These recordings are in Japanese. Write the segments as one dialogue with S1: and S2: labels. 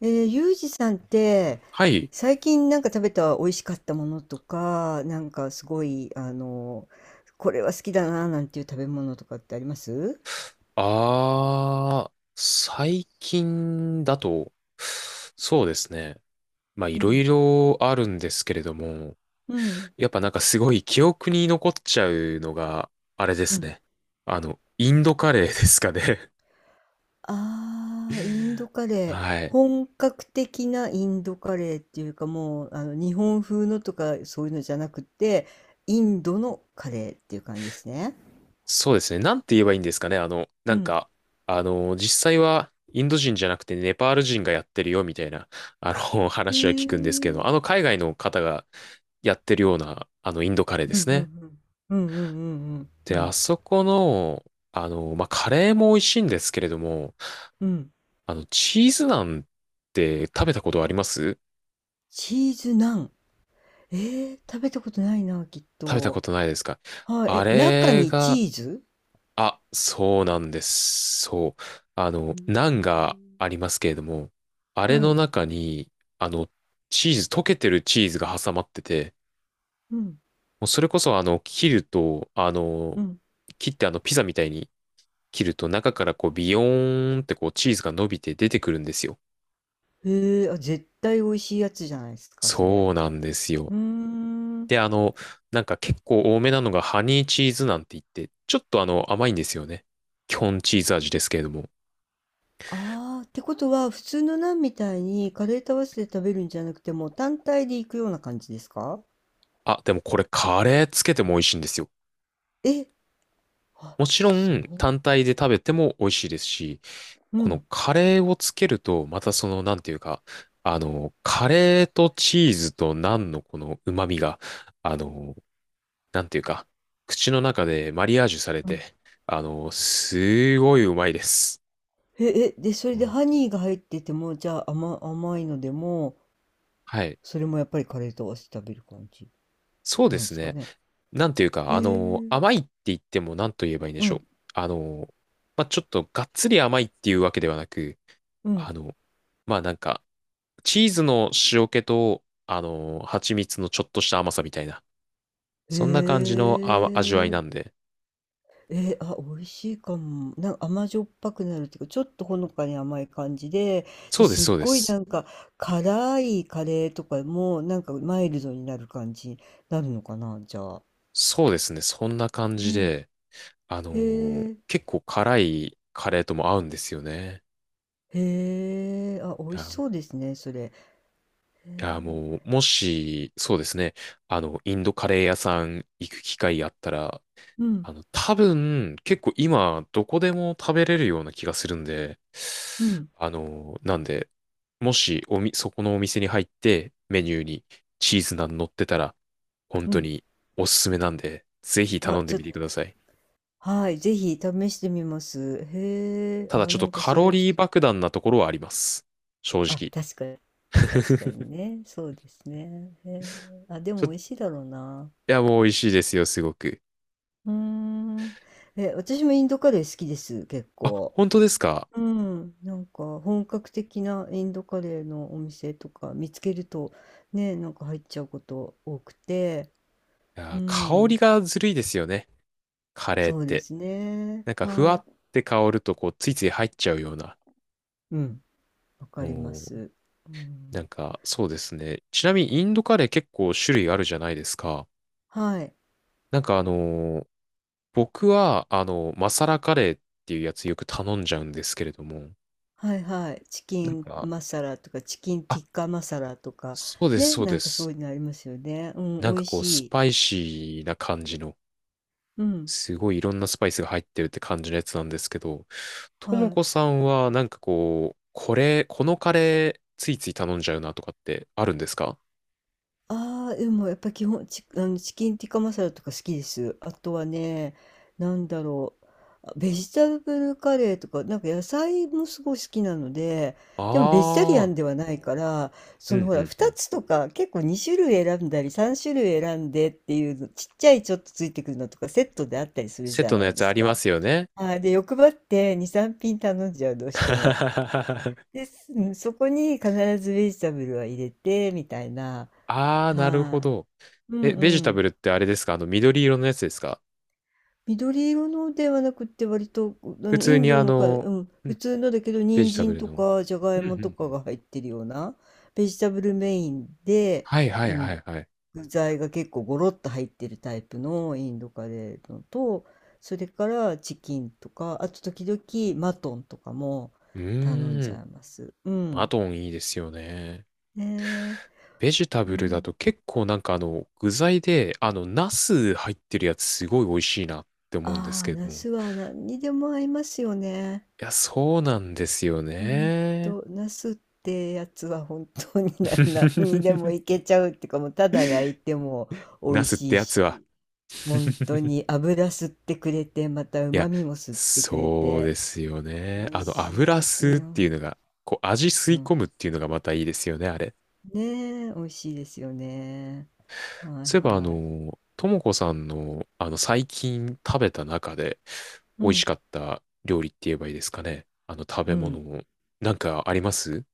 S1: ゆうじさんって
S2: はい。
S1: 最近なんか食べた美味しかったものとか、なんかすごいこれは好きだななんていう食べ物とかってあります？
S2: 最近だと、そうですね。い
S1: う
S2: ろい
S1: ん。
S2: ろあるんですけれども、
S1: うん
S2: やっぱなんかすごい記憶に残っちゃうのが、あれで
S1: う
S2: す
S1: ん。
S2: ね。インドカレーですかね。
S1: ああー、インドカ レー。
S2: はい。
S1: 本格的なインドカレーっていうか、もう日本風のとかそういうのじゃなくて、インドのカレーっていう感じですね。
S2: そうですね。なんて言えばいいんですかね。
S1: うん。
S2: 実際はインド人じゃなくてネパール人がやってるよみたいな、
S1: へ
S2: 話は聞くんですけ
S1: え。
S2: ど、あの海外の方がやってるような、インドカレーで
S1: うん。う
S2: す
S1: ん。う
S2: ね。
S1: ん。うん。うん。うん。うん。
S2: で、
S1: う
S2: あ
S1: ん。
S2: そこの、カレーも美味しいんですけれども、
S1: うん。
S2: チーズナンって食べたことあります？
S1: チーズナン。食べたことないな、きっ
S2: 食べたこ
S1: と。
S2: とないですか？
S1: はい、
S2: あ
S1: え、中
S2: れ
S1: にチ
S2: が、
S1: ーズ。
S2: あ、そうなんです。そう。
S1: うー
S2: ナンが
S1: ん。
S2: ありますけれども、あれ
S1: は
S2: の
S1: い。
S2: 中に、あの、チーズ、溶けてるチーズが挟まってて、
S1: うん。
S2: もうそれこそ、切ると、
S1: うん。
S2: 切ってピザみたいに切ると、中からこう、ビヨーンってこう、チーズが伸びて出てくるんですよ。
S1: へえ、あ、絶対美味しいやつじゃないですか、それ。
S2: そうなんですよ。
S1: うーん。
S2: で、結構多めなのがハニーチーズなんて言って、ちょっと甘いんですよね。基本チーズ味ですけれども。
S1: ああ、ってことは、普通のナンみたいにカレーと合わせて食べるんじゃなくて、もう単体でいくような感じですか？
S2: あ、でもこれカレーつけても美味しいんですよ。
S1: え、あ、
S2: もちろん
S1: そ
S2: 単体で食べても美味しいですし、
S1: う。う
S2: この
S1: ん。
S2: カレーをつけると、またその、なんていうか、カレーとチーズとナンのこの旨味が、あの、なんていうか、口の中でマリアージュされ
S1: うん。
S2: て、すごいうまいです。
S1: え、え、で、それ
S2: ほ
S1: で
S2: ん
S1: ハニーが入ってても、じゃあ甘いのでも、
S2: はい。
S1: それもやっぱりカレーと合わせて食べる感じ
S2: そうで
S1: なんで
S2: す
S1: すか
S2: ね。
S1: ね。
S2: なんていう
S1: へ
S2: か、
S1: え。
S2: 甘いって言っても何と言えばいいんで
S1: う
S2: しょう。
S1: ん、
S2: あの、ちょっとがっつり甘いっていうわけではなく、
S1: う
S2: あ
S1: ん。
S2: の、まあ、なんか、チーズの塩気と、蜂蜜のちょっとした甘さみたいな、
S1: へ
S2: そんな感じの味わい
S1: え、
S2: なんで。
S1: えー、あ、美味しいかも。なんか甘じょっぱくなるっていうか、ちょっとほのかに甘い感じで、じ
S2: そ
S1: ゃ、
S2: うです、
S1: すっ
S2: そうで
S1: ごい
S2: す。
S1: なんか辛いカレーとかも、なんかマイルドになる感じになるのかな、じゃあ。
S2: そうですね、そんな感じ
S1: ね。
S2: で、
S1: へえ。
S2: 結構辛いカレーとも合うんですよね。
S1: へえ、あ、美味
S2: い
S1: し
S2: や
S1: そうですね、それ。へ
S2: いや、
S1: え。
S2: もう、もし、そうですね、インドカレー屋さん行く機会あったら、
S1: うん、
S2: 多分、結構今、どこでも食べれるような気がするんで、
S1: うん、
S2: あの、なんで、もし、そこのお店に入って、メニューにチーズナン乗ってたら、本
S1: う
S2: 当
S1: ん。
S2: におすすめなんで、ぜひ
S1: あ、
S2: 頼んで
S1: ちょ
S2: み
S1: っ
S2: てく
S1: と、
S2: ださい。
S1: はい、ぜひ試してみます。へえ、
S2: ただ、
S1: あ、
S2: ちょっ
S1: な
S2: と
S1: んか
S2: カ
S1: そ
S2: ロ
S1: れ。
S2: リー爆弾なところはあります。正
S1: あ、
S2: 直。
S1: 確かに。確か にね。そうですね。へえ。あ、で
S2: ちょ
S1: も
S2: っと、
S1: 美味しいだろうな。
S2: いや、もう美味しいですよ、すごく。
S1: うーん。え、私もインドカレー好きです、結
S2: あ、
S1: 構。
S2: 本当ですか？
S1: うん。なんか本格的なインドカレーのお店とか見つけるとね、なんか入っちゃうこと多くて。
S2: いや
S1: う
S2: ー、香り
S1: ん。
S2: がずるいですよね。カレーっ
S1: そうで
S2: て。
S1: すね。
S2: なんか、ふわ
S1: は
S2: っ
S1: い。
S2: て香ると、こう、ついつい入っちゃうような。
S1: うん。わかりま
S2: おー、
S1: す。う
S2: なん
S1: ん。
S2: か、そうですね。ちなみに、インドカレー結構種類あるじゃないですか。
S1: はい。
S2: なんか、あのー僕は、あのマサラカレーっていうやつよく頼んじゃうんですけれども、
S1: はいはい。チキ
S2: なん
S1: ン
S2: か、
S1: マサラとか、チキン
S2: あ、
S1: ティッカマサラとか、
S2: そうです、
S1: ね、
S2: そう
S1: な
S2: で
S1: んかそ
S2: す。
S1: ういうのありますよね。うん、
S2: な
S1: 美
S2: んか
S1: 味
S2: こう、ス
S1: しい。
S2: パイシーな感じの、
S1: うん。
S2: すごいいろんなスパイスが入ってるって感じのやつなんですけど、とも
S1: はい。
S2: こさんは、なんかこう、これ、このカレー、ついつい頼んじゃうなとかってあるんですか？
S1: ああ、でもやっぱ基本、チ、あの、チキンティッカマサラとか好きです。あとはね、なんだろう。あ、ベジタブルカレーとか、なんか野菜もすごい好きなので、でもベジタリア
S2: ああー、
S1: ンではないから、
S2: う
S1: その
S2: ん
S1: ほ
S2: う
S1: ら、
S2: んう
S1: 2
S2: ん。
S1: つとか結構2種類選んだり、3種類選んでっていうの、ちっちゃいちょっとついてくるのとかセットであったりする
S2: セッ
S1: じゃ
S2: トの
S1: な
S2: や
S1: いで
S2: つあ
S1: す
S2: りま
S1: か。
S2: すよね。
S1: はい、で、欲張って2、3品頼んじゃう、どうしても。です。うん、そこに必ずベジタブルは入れて、みたいな。
S2: ああ、なるほ
S1: は
S2: ど。
S1: い。うん
S2: え、ベジ
S1: う
S2: タブ
S1: ん。
S2: ルってあれですか？あの、緑色のやつですか？
S1: 緑色のではなくって、割と、あ
S2: 普
S1: の、イ
S2: 通
S1: ン
S2: に
S1: ド
S2: あ
S1: のか、
S2: の、
S1: うん、
S2: う
S1: 普
S2: ん
S1: 通のだけど、
S2: ベ
S1: 人
S2: ジタブ
S1: 参
S2: ル
S1: と
S2: の。
S1: か、じゃが
S2: う
S1: い
S2: んう
S1: もと
S2: んう
S1: か
S2: ん。
S1: が入ってるような、ベジタブルメインで、
S2: はいは
S1: う
S2: いは
S1: ん、
S2: いはい。
S1: 具材が結構ゴロッと入ってるタイプのインドカレーのと、それからチキンとか、あと時々マトンとかも
S2: う
S1: 頼ん
S2: ー
S1: じゃ
S2: ん。
S1: います。う
S2: マ
S1: ん。
S2: トンいいですよね。
S1: ね
S2: ベジタ
S1: え。う
S2: ブルだ
S1: ん。
S2: と結構なんか具材で、ナス入ってるやつすごい美味しいなって思うんです
S1: あ
S2: け
S1: あ、
S2: れど
S1: ナ
S2: も。い
S1: スは何にでも合いますよね。
S2: や、そうなんですよ
S1: うん
S2: ね。
S1: と、ナスってやつは本当に何にでも いけちゃうっていうか、もうただ焼いても美
S2: ナ
S1: 味
S2: スっ
S1: し
S2: て
S1: い
S2: やつは
S1: し、本当 に油吸ってくれて、また
S2: い
S1: 旨
S2: や、
S1: 味も吸ってくれ
S2: そう
S1: て、
S2: ですよね。
S1: 美味しい
S2: 油
S1: です
S2: 吸うっていう
S1: よ。
S2: のが、こう、味吸
S1: う
S2: い込
S1: ん。
S2: むっていうのがまたいいですよね、あれ。
S1: ねえ、美味しいですよね。はい
S2: そういえば、
S1: はい。
S2: ともこさんの、最近食べた中で
S1: う
S2: 美味し
S1: ん、
S2: かった料理って言えばいいですかね。食
S1: う
S2: べ物
S1: ん。
S2: も、なんかあります？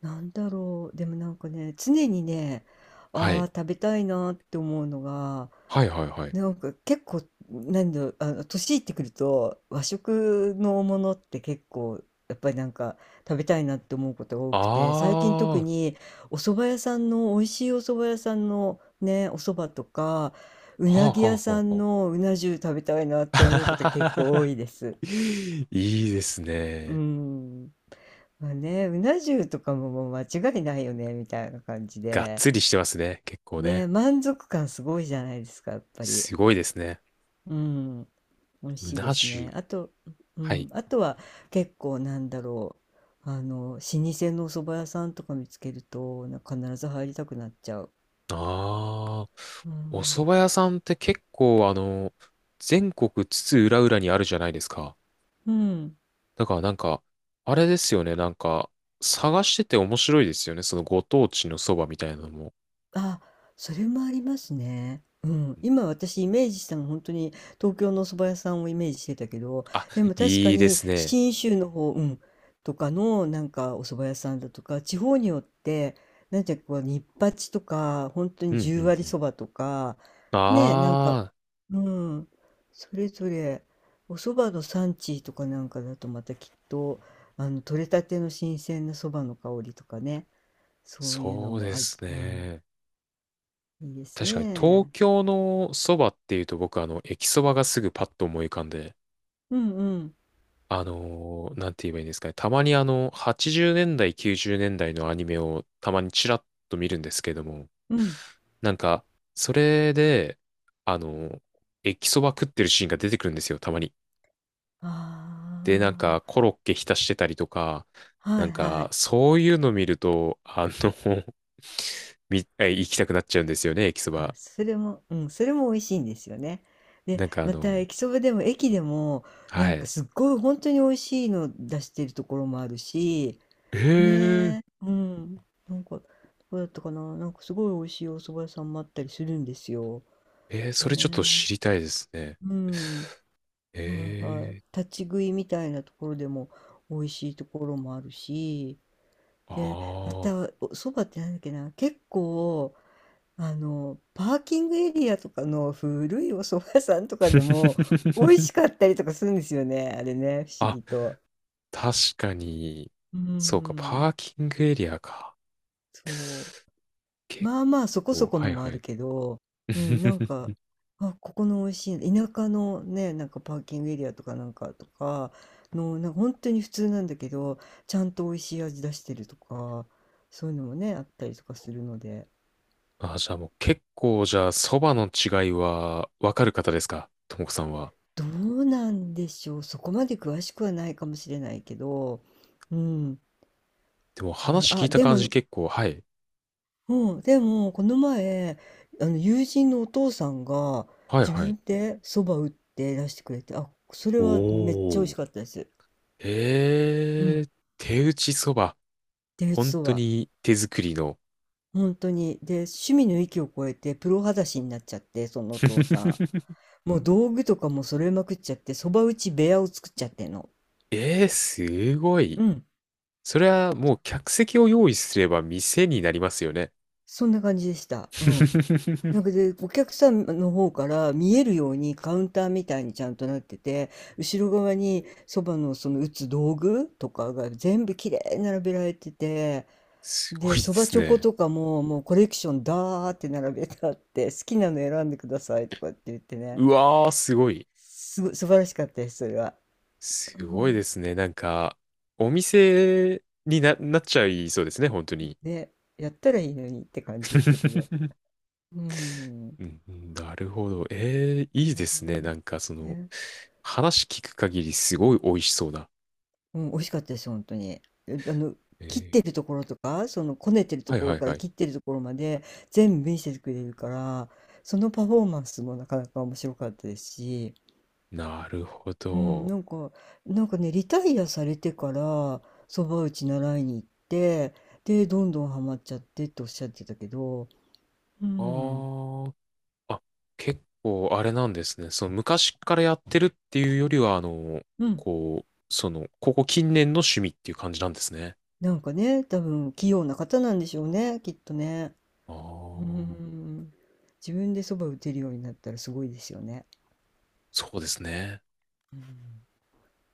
S1: なんだろう、でもなんかね、常にね、
S2: は
S1: ああ、
S2: い。
S1: 食べたいなって思うのが、
S2: はいはいはい。
S1: なんか結構、なんだろう、年いってくると、和食のものって結構、やっぱりなんか食べたいなって思うことが多
S2: あ
S1: くて、最近
S2: あ、
S1: 特
S2: は
S1: にお蕎麦屋さんの、美味しいお蕎麦屋さんのね、お蕎麦とか、
S2: あ
S1: う
S2: は
S1: なぎ
S2: あ
S1: 屋
S2: は
S1: さ
S2: あ
S1: ん
S2: はあ。
S1: のうな重食べたいなって思うこと結構多いです。
S2: いいです
S1: う
S2: ね。
S1: ん。まあね、うな重とかももう間違いないよね、みたいな感じ
S2: がっ
S1: で。
S2: つりしてますね。結構ね。
S1: ね、満足感すごいじゃないですか、やっぱり。
S2: すごいですね。
S1: うん、美味
S2: う
S1: しいで
S2: な
S1: すね。
S2: 重。
S1: あと、う
S2: は
S1: ん、
S2: い。
S1: あとは結構なんだろう、老舗のお蕎麦屋さんとか見つけると、なんか必ず入りたくなっちゃう。
S2: ああ、
S1: う
S2: お蕎
S1: ん、
S2: 麦屋さんって結構、全国津々浦々にあるじゃないですか。
S1: うん。
S2: だからなんか、あれですよね。なんか、探してて面白いですよね。そのご当地のそばみたいなのも。
S1: あ、それもありますね。うん。
S2: うん、
S1: 今私イメージしたの本当に東京のお蕎麦屋さんをイメージしてたけど、
S2: あ、
S1: でも確か
S2: いいで
S1: に
S2: すね。
S1: 信州の方うん、とかのなんかお蕎麦屋さんだとか、地方によって、なんていうかこうニッパチとか、本当と
S2: う
S1: に
S2: ん、う
S1: 十
S2: ん、う
S1: 割
S2: ん。
S1: そばとか、ね、なんか
S2: ああ、
S1: うん、それぞれお蕎麦の産地とかなんかだとまたきっと、取れたての新鮮な蕎麦の香りとかね、そういうの
S2: そう
S1: も
S2: で
S1: ある
S2: す
S1: しうん。
S2: ね。
S1: いいです
S2: 確かに東
S1: ね。
S2: 京のそばっていうと僕あの、駅そばがすぐパッと思い浮かんで、
S1: うんうん。
S2: なんて言えばいいんですかね。たまにあの、80年代、90年代のアニメをたまにチラッと見るんですけども、
S1: うん。
S2: なんか、それで、あの、駅そば食ってるシーンが出てくるんですよ、たまに。
S1: あ
S2: で、なんか、コロッケ浸してたりとか、
S1: あ、は
S2: な
S1: い
S2: ん
S1: は
S2: か、
S1: い。
S2: そういうの見ると、あの、え行きたくなっちゃうんですよね、駅そ
S1: あ、
S2: ば。
S1: それも、うん、それも美味しいんですよね。で、
S2: なんかあ
S1: また
S2: の、
S1: 駅そばでも駅でも、な
S2: は
S1: んか
S2: い。
S1: すっごい本当に美味しいの出してるところもあるし、
S2: ー、
S1: ねえ、うん。なんか、どこだったかな、なんかすごい美味しいお蕎麦屋さんもあったりするんですよ。
S2: えーそれちょっと
S1: ね
S2: 知りたいですね。
S1: え。うん。
S2: え
S1: はいはい。
S2: ー、
S1: 立ち食いみたいなところでも美味しいところもあるし、
S2: あ
S1: で、ま
S2: ー
S1: たおそばってなんだっけな、結構パーキングエリアとかの古いお蕎麦屋さんとかでも美味しか ったりとかするんですよね、あれね、不思
S2: あ、
S1: 議と。
S2: 確かに、
S1: う
S2: そうか、
S1: ん、
S2: パーキングエリアか。
S1: そう。
S2: 結
S1: まあまあそこ
S2: 構、
S1: そこ
S2: は
S1: の
S2: い
S1: もあ
S2: は
S1: る
S2: い。
S1: けど、うん、なんか、あ、ここの美味しい、田舎のね、なんかパーキングエリアとかなんかとかの、なんか本当に普通なんだけど、ちゃんと美味しい味出してるとか、そういうのもね、あったりとかするので。
S2: あ、じゃあもう結構、じゃあ、そばの違いはわかる方ですか？ともこさんは。
S1: どうなんでしょう。そこまで詳しくはないかもしれないけど、うん。
S2: でも
S1: ね、
S2: 話聞い
S1: あ、
S2: た
S1: で
S2: 感
S1: も、
S2: じ結構、はい。
S1: うん、でも、この前、友人のお父さんが、
S2: はい
S1: 自
S2: はい。
S1: 分で蕎麦打って出してくれて、あ、それ
S2: お
S1: はめっちゃ美味し
S2: ー。
S1: かったです。う
S2: え
S1: ん。
S2: ー、手打ちそば。
S1: 手打ち
S2: 本
S1: 蕎
S2: 当
S1: 麦。
S2: に手作りの。
S1: 本当に。で、趣味の域を超えて、プロ裸足になっちゃって、そのお父さ ん。もう道具とかも揃えまくっちゃって、蕎麦打ち部屋を作っちゃってんの。
S2: えー、すごい。
S1: うん。
S2: それはもう客席を用意すれば店になりますよね。
S1: そんな感じでした。うん。なんかで、お客さんの方から見えるようにカウンターみたいにちゃんとなってて、後ろ側にそばのその打つ道具とかが全部きれいに並べられてて、
S2: すごい
S1: で、
S2: で
S1: そば
S2: す
S1: チョコ
S2: ね。
S1: とかももうコレクションダーって並べてあって、好きなの選んでくださいとかって言ってね、
S2: うわー、すごい。
S1: すごい素晴らしかったです、それは。う
S2: すごいで
S1: ん、
S2: すね。なんか、お店になっちゃいそうですね、本当に。
S1: で、やったらいいのにって感じでしたけど。うん。
S2: うんうんなるほど。ええ、いいで
S1: ね。
S2: すね。なんか、その、
S1: ね。
S2: 話聞く限りすごい美味しそうだ。
S1: うん、美味しかったです、本当に。え、
S2: え
S1: 切っ
S2: え、
S1: てるところとか、そのこねてると
S2: はい
S1: こ
S2: は
S1: ろ
S2: い
S1: から
S2: はい。
S1: 切ってるところまで全部見せてくれるから、そのパフォーマンスもなかなか面白かったですし、
S2: なるほ
S1: うん、
S2: ど。
S1: なんかね、リタイアされてから、蕎麦打ち習いに行って、で、どんどんハマっちゃってっておっしゃってたけど、う
S2: あ
S1: ん、
S2: ー、あ、結構あれなんですね。その、昔からやってるっていうよりは、
S1: うん、
S2: ここ近年の趣味っていう感じなんですね。
S1: なんかね、多分器用な方なんでしょうね、きっとね。
S2: あ
S1: う
S2: あ、
S1: ん。自分で蕎麦打てるようになったらすごいですよね。
S2: そうですね。
S1: うん。